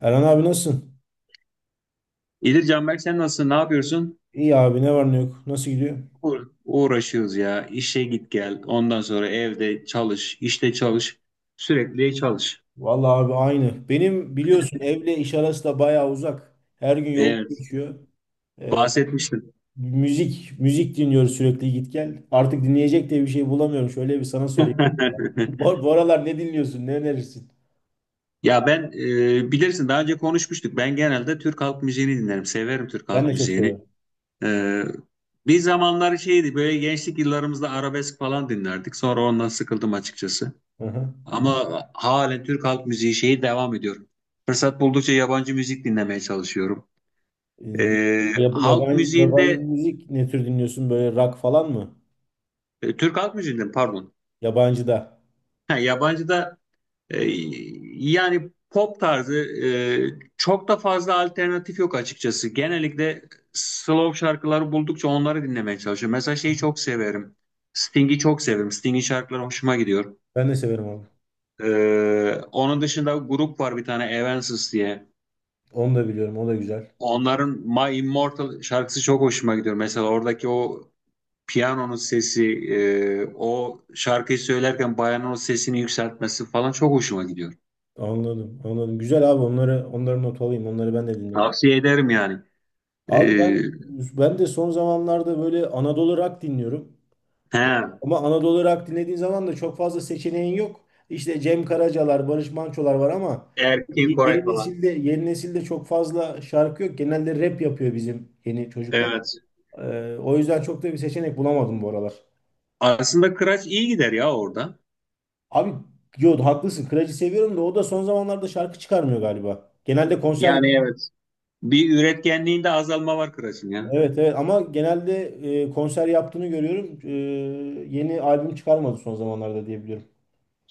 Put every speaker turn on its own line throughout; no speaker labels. Erhan abi nasılsın?
İyidir Canberk, sen nasılsın? Ne yapıyorsun?
İyi abi ne var ne yok. Nasıl gidiyor?
Uğraşıyoruz ya. İşe git gel. Ondan sonra evde çalış, işte çalış. Sürekli çalış.
Vallahi abi aynı. Benim biliyorsun evle iş arası da bayağı uzak. Her gün yol
Evet,
geçiyor. Ee,
bahsetmiştim.
müzik dinliyoruz sürekli git gel. Artık dinleyecek de bir şey bulamıyorum. Şöyle bir sana sorayım. Bu, bu aralar ne dinliyorsun? Ne önerirsin?
Ya ben bilirsin daha önce konuşmuştuk. Ben genelde Türk halk müziğini dinlerim. Severim Türk
Ben
halk
de çok
müziğini.
severim.
E, Bir zamanlar şeydi böyle gençlik yıllarımızda arabesk falan dinlerdik. Sonra ondan sıkıldım açıkçası.
Hı hı.
Ama halen Türk halk müziği şeyi devam ediyorum. Fırsat buldukça yabancı müzik dinlemeye çalışıyorum.
Ee,
Ee,
yab-
halk
yabancı yabancı
müziğinde,
müzik ne tür dinliyorsun? Böyle rock falan mı?
Türk halk müziğinde pardon,
Yabancı da.
ha, yabancıda e, yani pop tarzı, e, çok da fazla alternatif yok açıkçası. Genellikle slow şarkıları buldukça onları dinlemeye çalışıyorum. Mesela şeyi çok severim. Sting'i çok severim. Sting'in şarkıları hoşuma gidiyor.
Ben de severim abi.
Onun dışında grup var bir tane Evanescence diye.
Onu da biliyorum. O da güzel.
Onların My Immortal şarkısı çok hoşuma gidiyor. Mesela oradaki o piyanonun sesi, o şarkıyı söylerken bayanın o sesini yükseltmesi falan çok hoşuma gidiyor.
Anladım, anladım. Güzel abi onları not alayım. Onları ben de dinlerim.
Tavsiye ederim yani. E,
Abi ben de son zamanlarda böyle Anadolu rock dinliyorum.
he,
Ama Anadolu rock dinlediğin zaman da çok fazla seçeneğin yok. İşte Cem Karacalar, Barış Manço'lar var ama
Erkin
y-
Koray
yeni
falan.
nesilde yeni nesilde çok fazla şarkı yok. Genelde rap yapıyor bizim yeni çocuklar.
Evet.
O yüzden çok da bir seçenek bulamadım bu aralar.
Aslında Kıraç iyi gider ya orada.
Abi yo haklısın. Kıraç'ı seviyorum da o da son zamanlarda şarkı çıkarmıyor galiba. Genelde konser.
Yani evet. Bir üretkenliğinde azalma var Kıraç'ın ya.
Evet evet ama genelde konser yaptığını görüyorum. Yeni albüm çıkarmadı son zamanlarda diye biliyorum.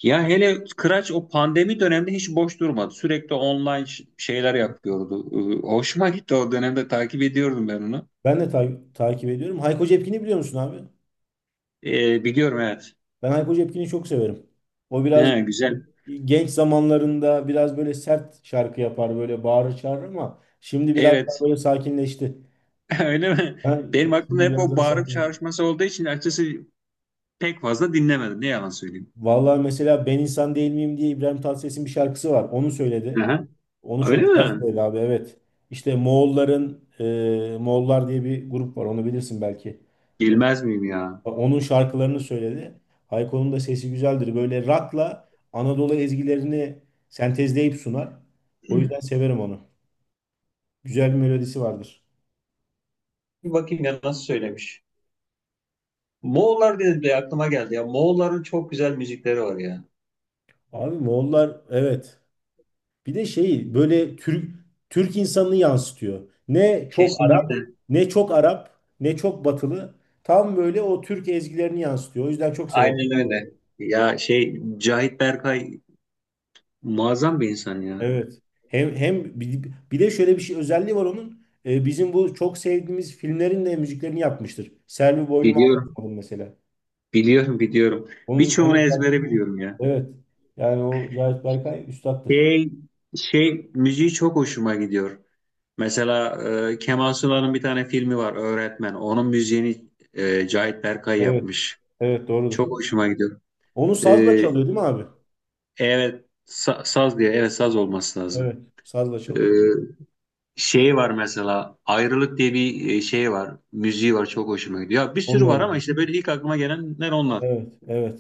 Ya hele Kıraç o pandemi döneminde hiç boş durmadı. Sürekli online şeyler yapıyordu. Hoşuma gitti, o dönemde takip ediyordum ben onu.
Ben de takip ediyorum. Hayko Cepkin'i biliyor musun abi?
Biliyorum, evet.
Ben Hayko Cepkin'i çok severim. O biraz
He, güzel.
genç zamanlarında biraz böyle sert şarkı yapar, böyle bağırır çağırır ama şimdi biraz daha
Evet.
böyle sakinleşti.
Öyle mi?
Ha,
Benim
şimdi
aklımda hep
biraz
o
daha
bağırıp
sakinleşti.
çağrışması olduğu için açıkçası pek fazla dinlemedim. Ne yalan söyleyeyim.
Vallahi mesela ben insan değil miyim diye İbrahim Tatlıses'in bir şarkısı var. Onu söyledi.
Aha,
Onu çok
öyle
güzel
mi?
söyledi abi evet. İşte Moğolların Moğollar diye bir grup var onu bilirsin belki. E,
Bilmez miyim ya?
Onun şarkılarını söyledi. Hayko'nun da sesi güzeldir. Böyle rock'la Anadolu ezgilerini sentezleyip sunar. O yüzden severim onu. Güzel bir melodisi vardır.
Bir bakayım ya nasıl söylemiş. Moğollar dedi de aklıma geldi ya. Moğolların çok güzel müzikleri var ya.
Abi Moğollar evet. Bir de şeyi böyle Türk insanını yansıtıyor. Ne çok
Kesinlikle.
Arap, ne çok Arap, ne çok Batılı. Tam böyle o Türk ezgilerini yansıtıyor. O yüzden çok severim.
Aynen öyle. Ya şey Cahit Berkay muazzam bir insan ya.
Evet. Hem bir de şöyle bir şey özelliği var onun. Bizim bu çok sevdiğimiz filmlerin de müziklerini yapmıştır. Selvi Boylum Ağa
Biliyorum.
yapmadım mesela.
Biliyorum.
Onun
Birçoğunu
şarkısı.
ezbere biliyorum ya.
Evet. Yani o Zahit Berkay üstattır.
Şey, şey müziği çok hoşuma gidiyor. Mesela Kemal Sunal'ın bir tane filmi var, Öğretmen. Onun müziğini Cahit Berkay
Evet.
yapmış.
Evet doğrudur.
Çok hoşuma gidiyor.
Onu
E,
sazla çalıyor değil mi abi?
evet, saz diye, evet, saz olması lazım.
Evet. Sazla
E,
çalıyor.
Şey var mesela Ayrılık diye bir şey var. Müziği var, çok hoşuma gidiyor. Ya, bir sürü
Onunla
var ama
biliyorum.
işte böyle ilk aklıma gelenler onlar.
Evet, evet.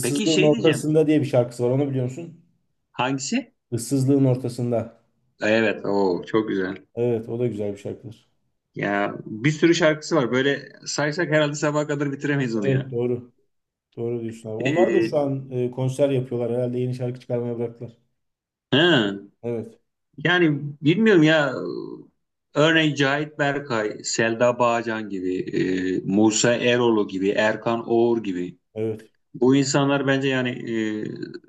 Peki şey diyeceğim.
ortasında diye bir şarkısı var. Onu biliyor musun?
Hangisi?
Issızlığın ortasında.
Evet, o çok güzel.
Evet, o da güzel bir şarkıdır.
Ya bir sürü şarkısı var. Böyle saysak herhalde sabaha kadar bitiremeyiz onu
Evet,
ya.
doğru. Doğru diyorsun abi. Onlar da şu
E,
an konser yapıyorlar. Herhalde yeni şarkı çıkarmaya bıraktılar.
ha.
Evet,
Yani bilmiyorum ya, örneğin Cahit Berkay, Selda Bağcan gibi, Musa Eroğlu gibi, Erkan Oğur gibi.
evet.
Bu insanlar bence yani, e,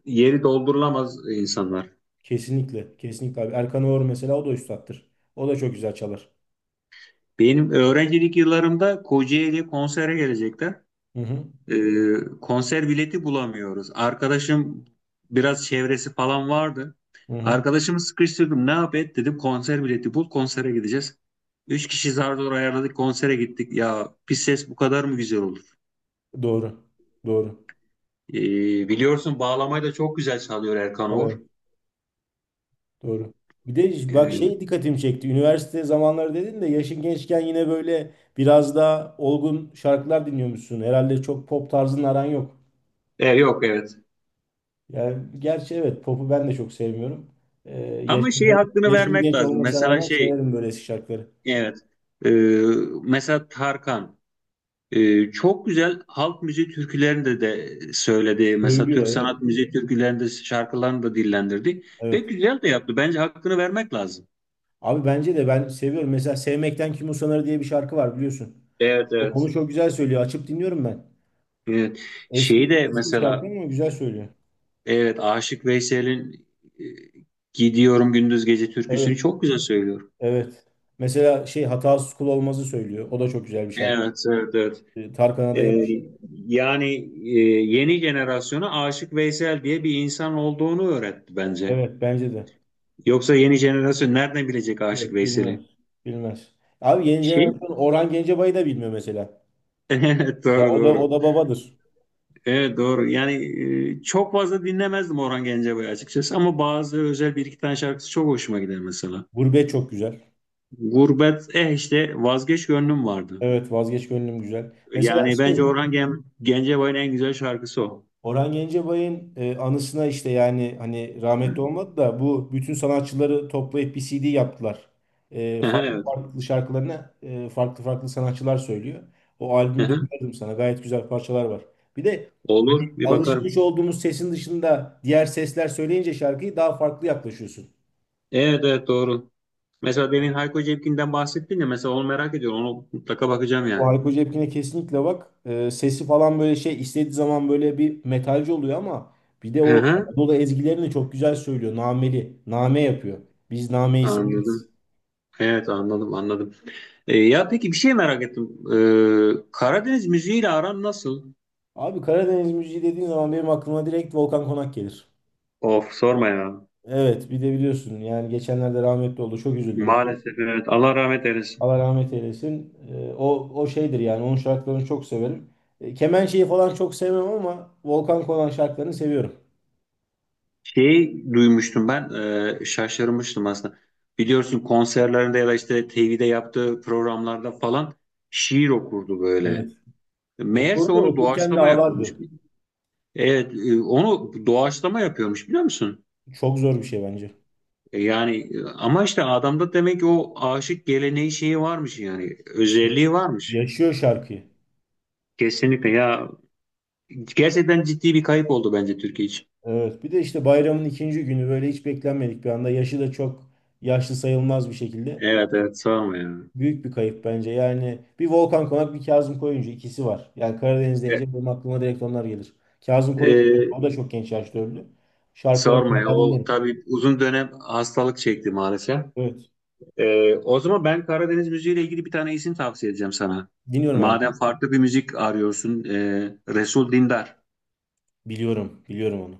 yeri doldurulamaz insanlar.
Kesinlikle, kesinlikle abi. Erkan Oğur mesela o da üstattır. O da çok güzel çalar.
Benim öğrencilik yıllarımda Kocaeli'ye konsere gelecekler.
Hı hı,
Ee, Konser bileti bulamıyoruz. Arkadaşım biraz çevresi falan vardı.
hı hı.
Arkadaşımı sıkıştırdım. Ne yap et dedim. Konser bileti bul. Konsere gideceğiz. Üç kişi zar zor ayarladık. Konsere gittik. Ya pis ses bu kadar mı güzel olur?
Doğru, doğru.
Biliyorsun bağlamayı da çok güzel çalıyor Erkan Oğur.
Evet. Doğru. Bir de bak
Ee,
şey dikkatimi çekti. Üniversite zamanları dedin de yaşın gençken yine böyle biraz daha olgun şarkılar dinliyormuşsun. Herhalde çok pop tarzının aran yok.
Yok, evet.
Yani gerçi evet popu ben de çok sevmiyorum. Ee,
Ama
yaşım,
şey
genç,
hakkını
yaşım
vermek
genç
lazım.
olmasına
Mesela
rağmen
şey,
severim böyle eski şarkıları.
evet. Ee, Mesela Tarkan. Çok güzel halk müziği türkülerinde de söyledi. Mesela
Söylüyor
Türk
evet.
sanat müziği türkülerinde şarkılarını da dillendirdi. Ve
Evet.
güzel de yaptı. Bence hakkını vermek lazım.
Abi bence de ben seviyorum. Mesela Sevmekten Kim Usanır diye bir şarkı var biliyorsun.
Evet, evet.
Onu çok güzel söylüyor. Açıp dinliyorum ben.
Evet.
Eski
Şeyi de
eski bir şarkı
mesela,
ama güzel söylüyor.
evet, Aşık Veysel'in e, Gidiyorum Gündüz Gece türküsünü
Evet.
çok güzel söylüyor.
Evet. Mesela şey hatasız kul olmazı söylüyor. O da çok güzel bir şarkı.
Evet, evet, evet.
Tarkan'a da
Ee,
yakışıyor.
Yani e, yeni jenerasyona Aşık Veysel diye bir insan olduğunu öğretti bence.
Evet bence de.
Yoksa yeni jenerasyon nereden bilecek Aşık
Yok, bilmez.
Veysel'i?
Bilmez. Abi yeni
Şey
jenerasyon Orhan Gencebay'ı da bilmiyor mesela.
Evet,
Ya
doğru,
o da o
doğru.
da babadır.
Evet, doğru. Yani çok fazla dinlemezdim Orhan Gencebay'ı açıkçası ama bazı özel bir iki tane şarkısı çok hoşuma gider mesela.
Gurbet çok güzel.
Gurbet, eh işte vazgeç gönlüm vardı.
Evet vazgeç gönlüm güzel. Mesela
Yani bence
şey
Orhan Gencebay'ın en güzel şarkısı o.
Orhan Gencebay'ın anısına işte yani hani rahmetli olmadı da bu bütün sanatçıları toplayıp bir CD yaptılar. Farklı
Evet.
farklı şarkılarına farklı farklı sanatçılar söylüyor. O albümü de
Hı-hı.
öneririm sana. Gayet güzel parçalar var. Bir de
Olur, bir bakarım.
alışmış olduğumuz sesin dışında diğer sesler söyleyince şarkıyı daha farklı yaklaşıyorsun.
Evet, evet, doğru. Mesela demin Hayko Cepkin'den bahsettin ya, mesela onu merak ediyorum. Onu mutlaka bakacağım
O
yani.
Hayko Cepkin'e kesinlikle bak. Sesi falan böyle şey istediği zaman böyle bir metalci oluyor ama bir de o
Hı-hı.
Anadolu ezgilerini çok güzel söylüyor. Nameli. Name yapıyor. Biz nameyi severiz.
Anladım. Evet, anladım, anladım. Ya peki bir şey merak ettim. Karadeniz müziğiyle aran nasıl?
Abi Karadeniz müziği dediğin zaman benim aklıma direkt Volkan Konak gelir.
Of sorma ya.
Evet bir de biliyorsun yani geçenlerde rahmetli oldu. Çok üzüldüm ona.
Maalesef evet. Allah rahmet eylesin.
Allah rahmet eylesin. O, o şeydir yani onun şarkılarını çok severim. Kemençeyi falan çok sevmem ama Volkan Konak şarkılarını seviyorum.
Şey duymuştum ben, şaşırmıştım aslında. Biliyorsun konserlerinde ya da işte TV'de yaptığı programlarda falan şiir okurdu
Evet.
böyle. Meğerse
Okurdu
onu
okurken de
doğaçlama yapıyormuş.
ağlardı.
Evet, onu doğaçlama yapıyormuş, biliyor musun?
Çok zor bir şey bence.
Yani ama işte adamda demek ki o aşık geleneği şeyi varmış, yani
İşte
özelliği varmış.
yaşıyor şarkıyı.
Kesinlikle ya. Gerçekten ciddi bir kayıp oldu bence Türkiye için.
Evet. Bir de işte bayramın ikinci günü böyle hiç beklenmedik bir anda. Yaşı da çok yaşlı sayılmaz bir şekilde.
Evet, evet, sorma ya.
Büyük bir kayıp bence. Yani bir Volkan Konak bir Kazım Koyuncu ikisi var. Yani Karadeniz deyince benim aklıma direkt onlar gelir. Kazım
E,
Koyuncu o da
e,
çok genç yaşta öldü. Şarkılarını
Sorma ya.
hala
O
dinlerim.
tabii uzun dönem hastalık çekti maalesef.
Evet.
O zaman ben Karadeniz müziğiyle ilgili bir tane isim tavsiye edeceğim sana.
Dinliyorum abi.
Madem farklı bir müzik arıyorsun, Resul Dindar.
Biliyorum. Biliyorum onu.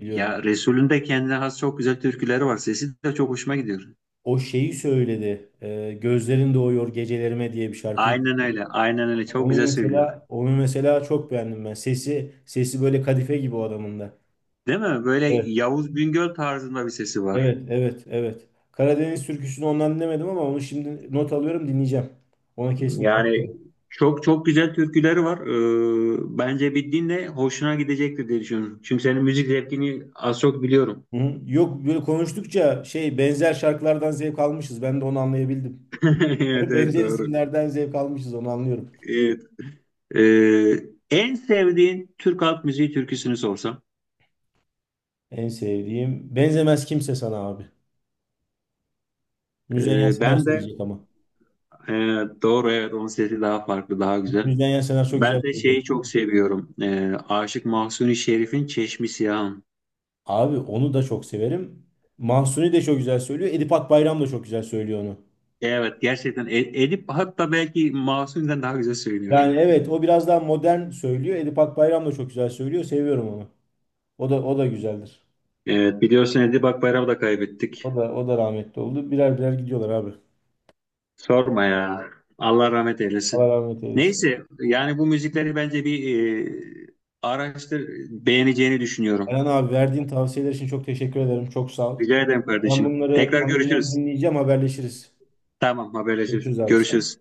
Biliyorum.
Ya
Evet.
Resul'ün de kendine has çok güzel türküleri var. Sesi de çok hoşuma gidiyor.
O şeyi söyledi. Gözlerin Doğuyor Gecelerime diye bir şarkıyı.
Aynen öyle, aynen öyle. Çok
Onu
güzel söylüyor.
mesela onu mesela çok beğendim ben. Sesi böyle kadife gibi o adamın da.
Değil mi? Böyle
Evet,
Yavuz Bingöl tarzında bir sesi var.
evet. Karadeniz türküsünü ondan dinlemedim ama onu şimdi not alıyorum dinleyeceğim. Ona kesinlikle
Yani
bakarım.
çok çok güzel türküleri var. Bence bir dinle, hoşuna gidecektir diye düşünüyorum. Çünkü senin müzik zevkini az çok biliyorum.
Hı hı. Yok böyle konuştukça şey benzer şarkılardan zevk almışız. Ben de onu anlayabildim.
Evet, evet,
Benzer
doğru.
isimlerden zevk almışız onu anlıyorum.
Evet. Ee, En sevdiğin Türk halk müziği türküsünü sorsam.
En sevdiğim Benzemez Kimse Sana abi. Müzeyyen
Ee,
Senar
ben de
söyleyecek ama.
e, doğru, evet, onun sesi daha farklı, daha güzel.
Müzeyyen Senar çok güzel
Ben de
söylüyor.
şeyi çok seviyorum. Aşık Mahzuni Şerif'in Çeşmi Siyahım.
Abi onu da çok severim. Mahsuni de çok güzel söylüyor. Edip Akbayram da çok güzel söylüyor onu.
Evet gerçekten Edip hatta belki Mahsuni'den daha güzel söylüyor.
Yani evet o biraz daha modern söylüyor. Edip Akbayram da çok güzel söylüyor. Seviyorum onu. O da güzeldir.
Evet, biliyorsun Edip Akbayram'ı da kaybettik.
O da rahmetli oldu. Birer birer gidiyorlar abi.
Sorma ya. Allah rahmet
Allah
eylesin.
rahmet eylesin.
Neyse yani bu müzikleri bence bir, e, araştır, beğeneceğini
Eren
düşünüyorum.
abi verdiğin tavsiyeler için çok teşekkür ederim. Çok sağ ol.
Rica ederim
Ben
kardeşim.
bunları
Tekrar
ben bunları
görüşürüz.
dinleyeceğim. Haberleşiriz.
Tamam, haberleşiriz.
Görüşürüz abi.
Görüşürüz.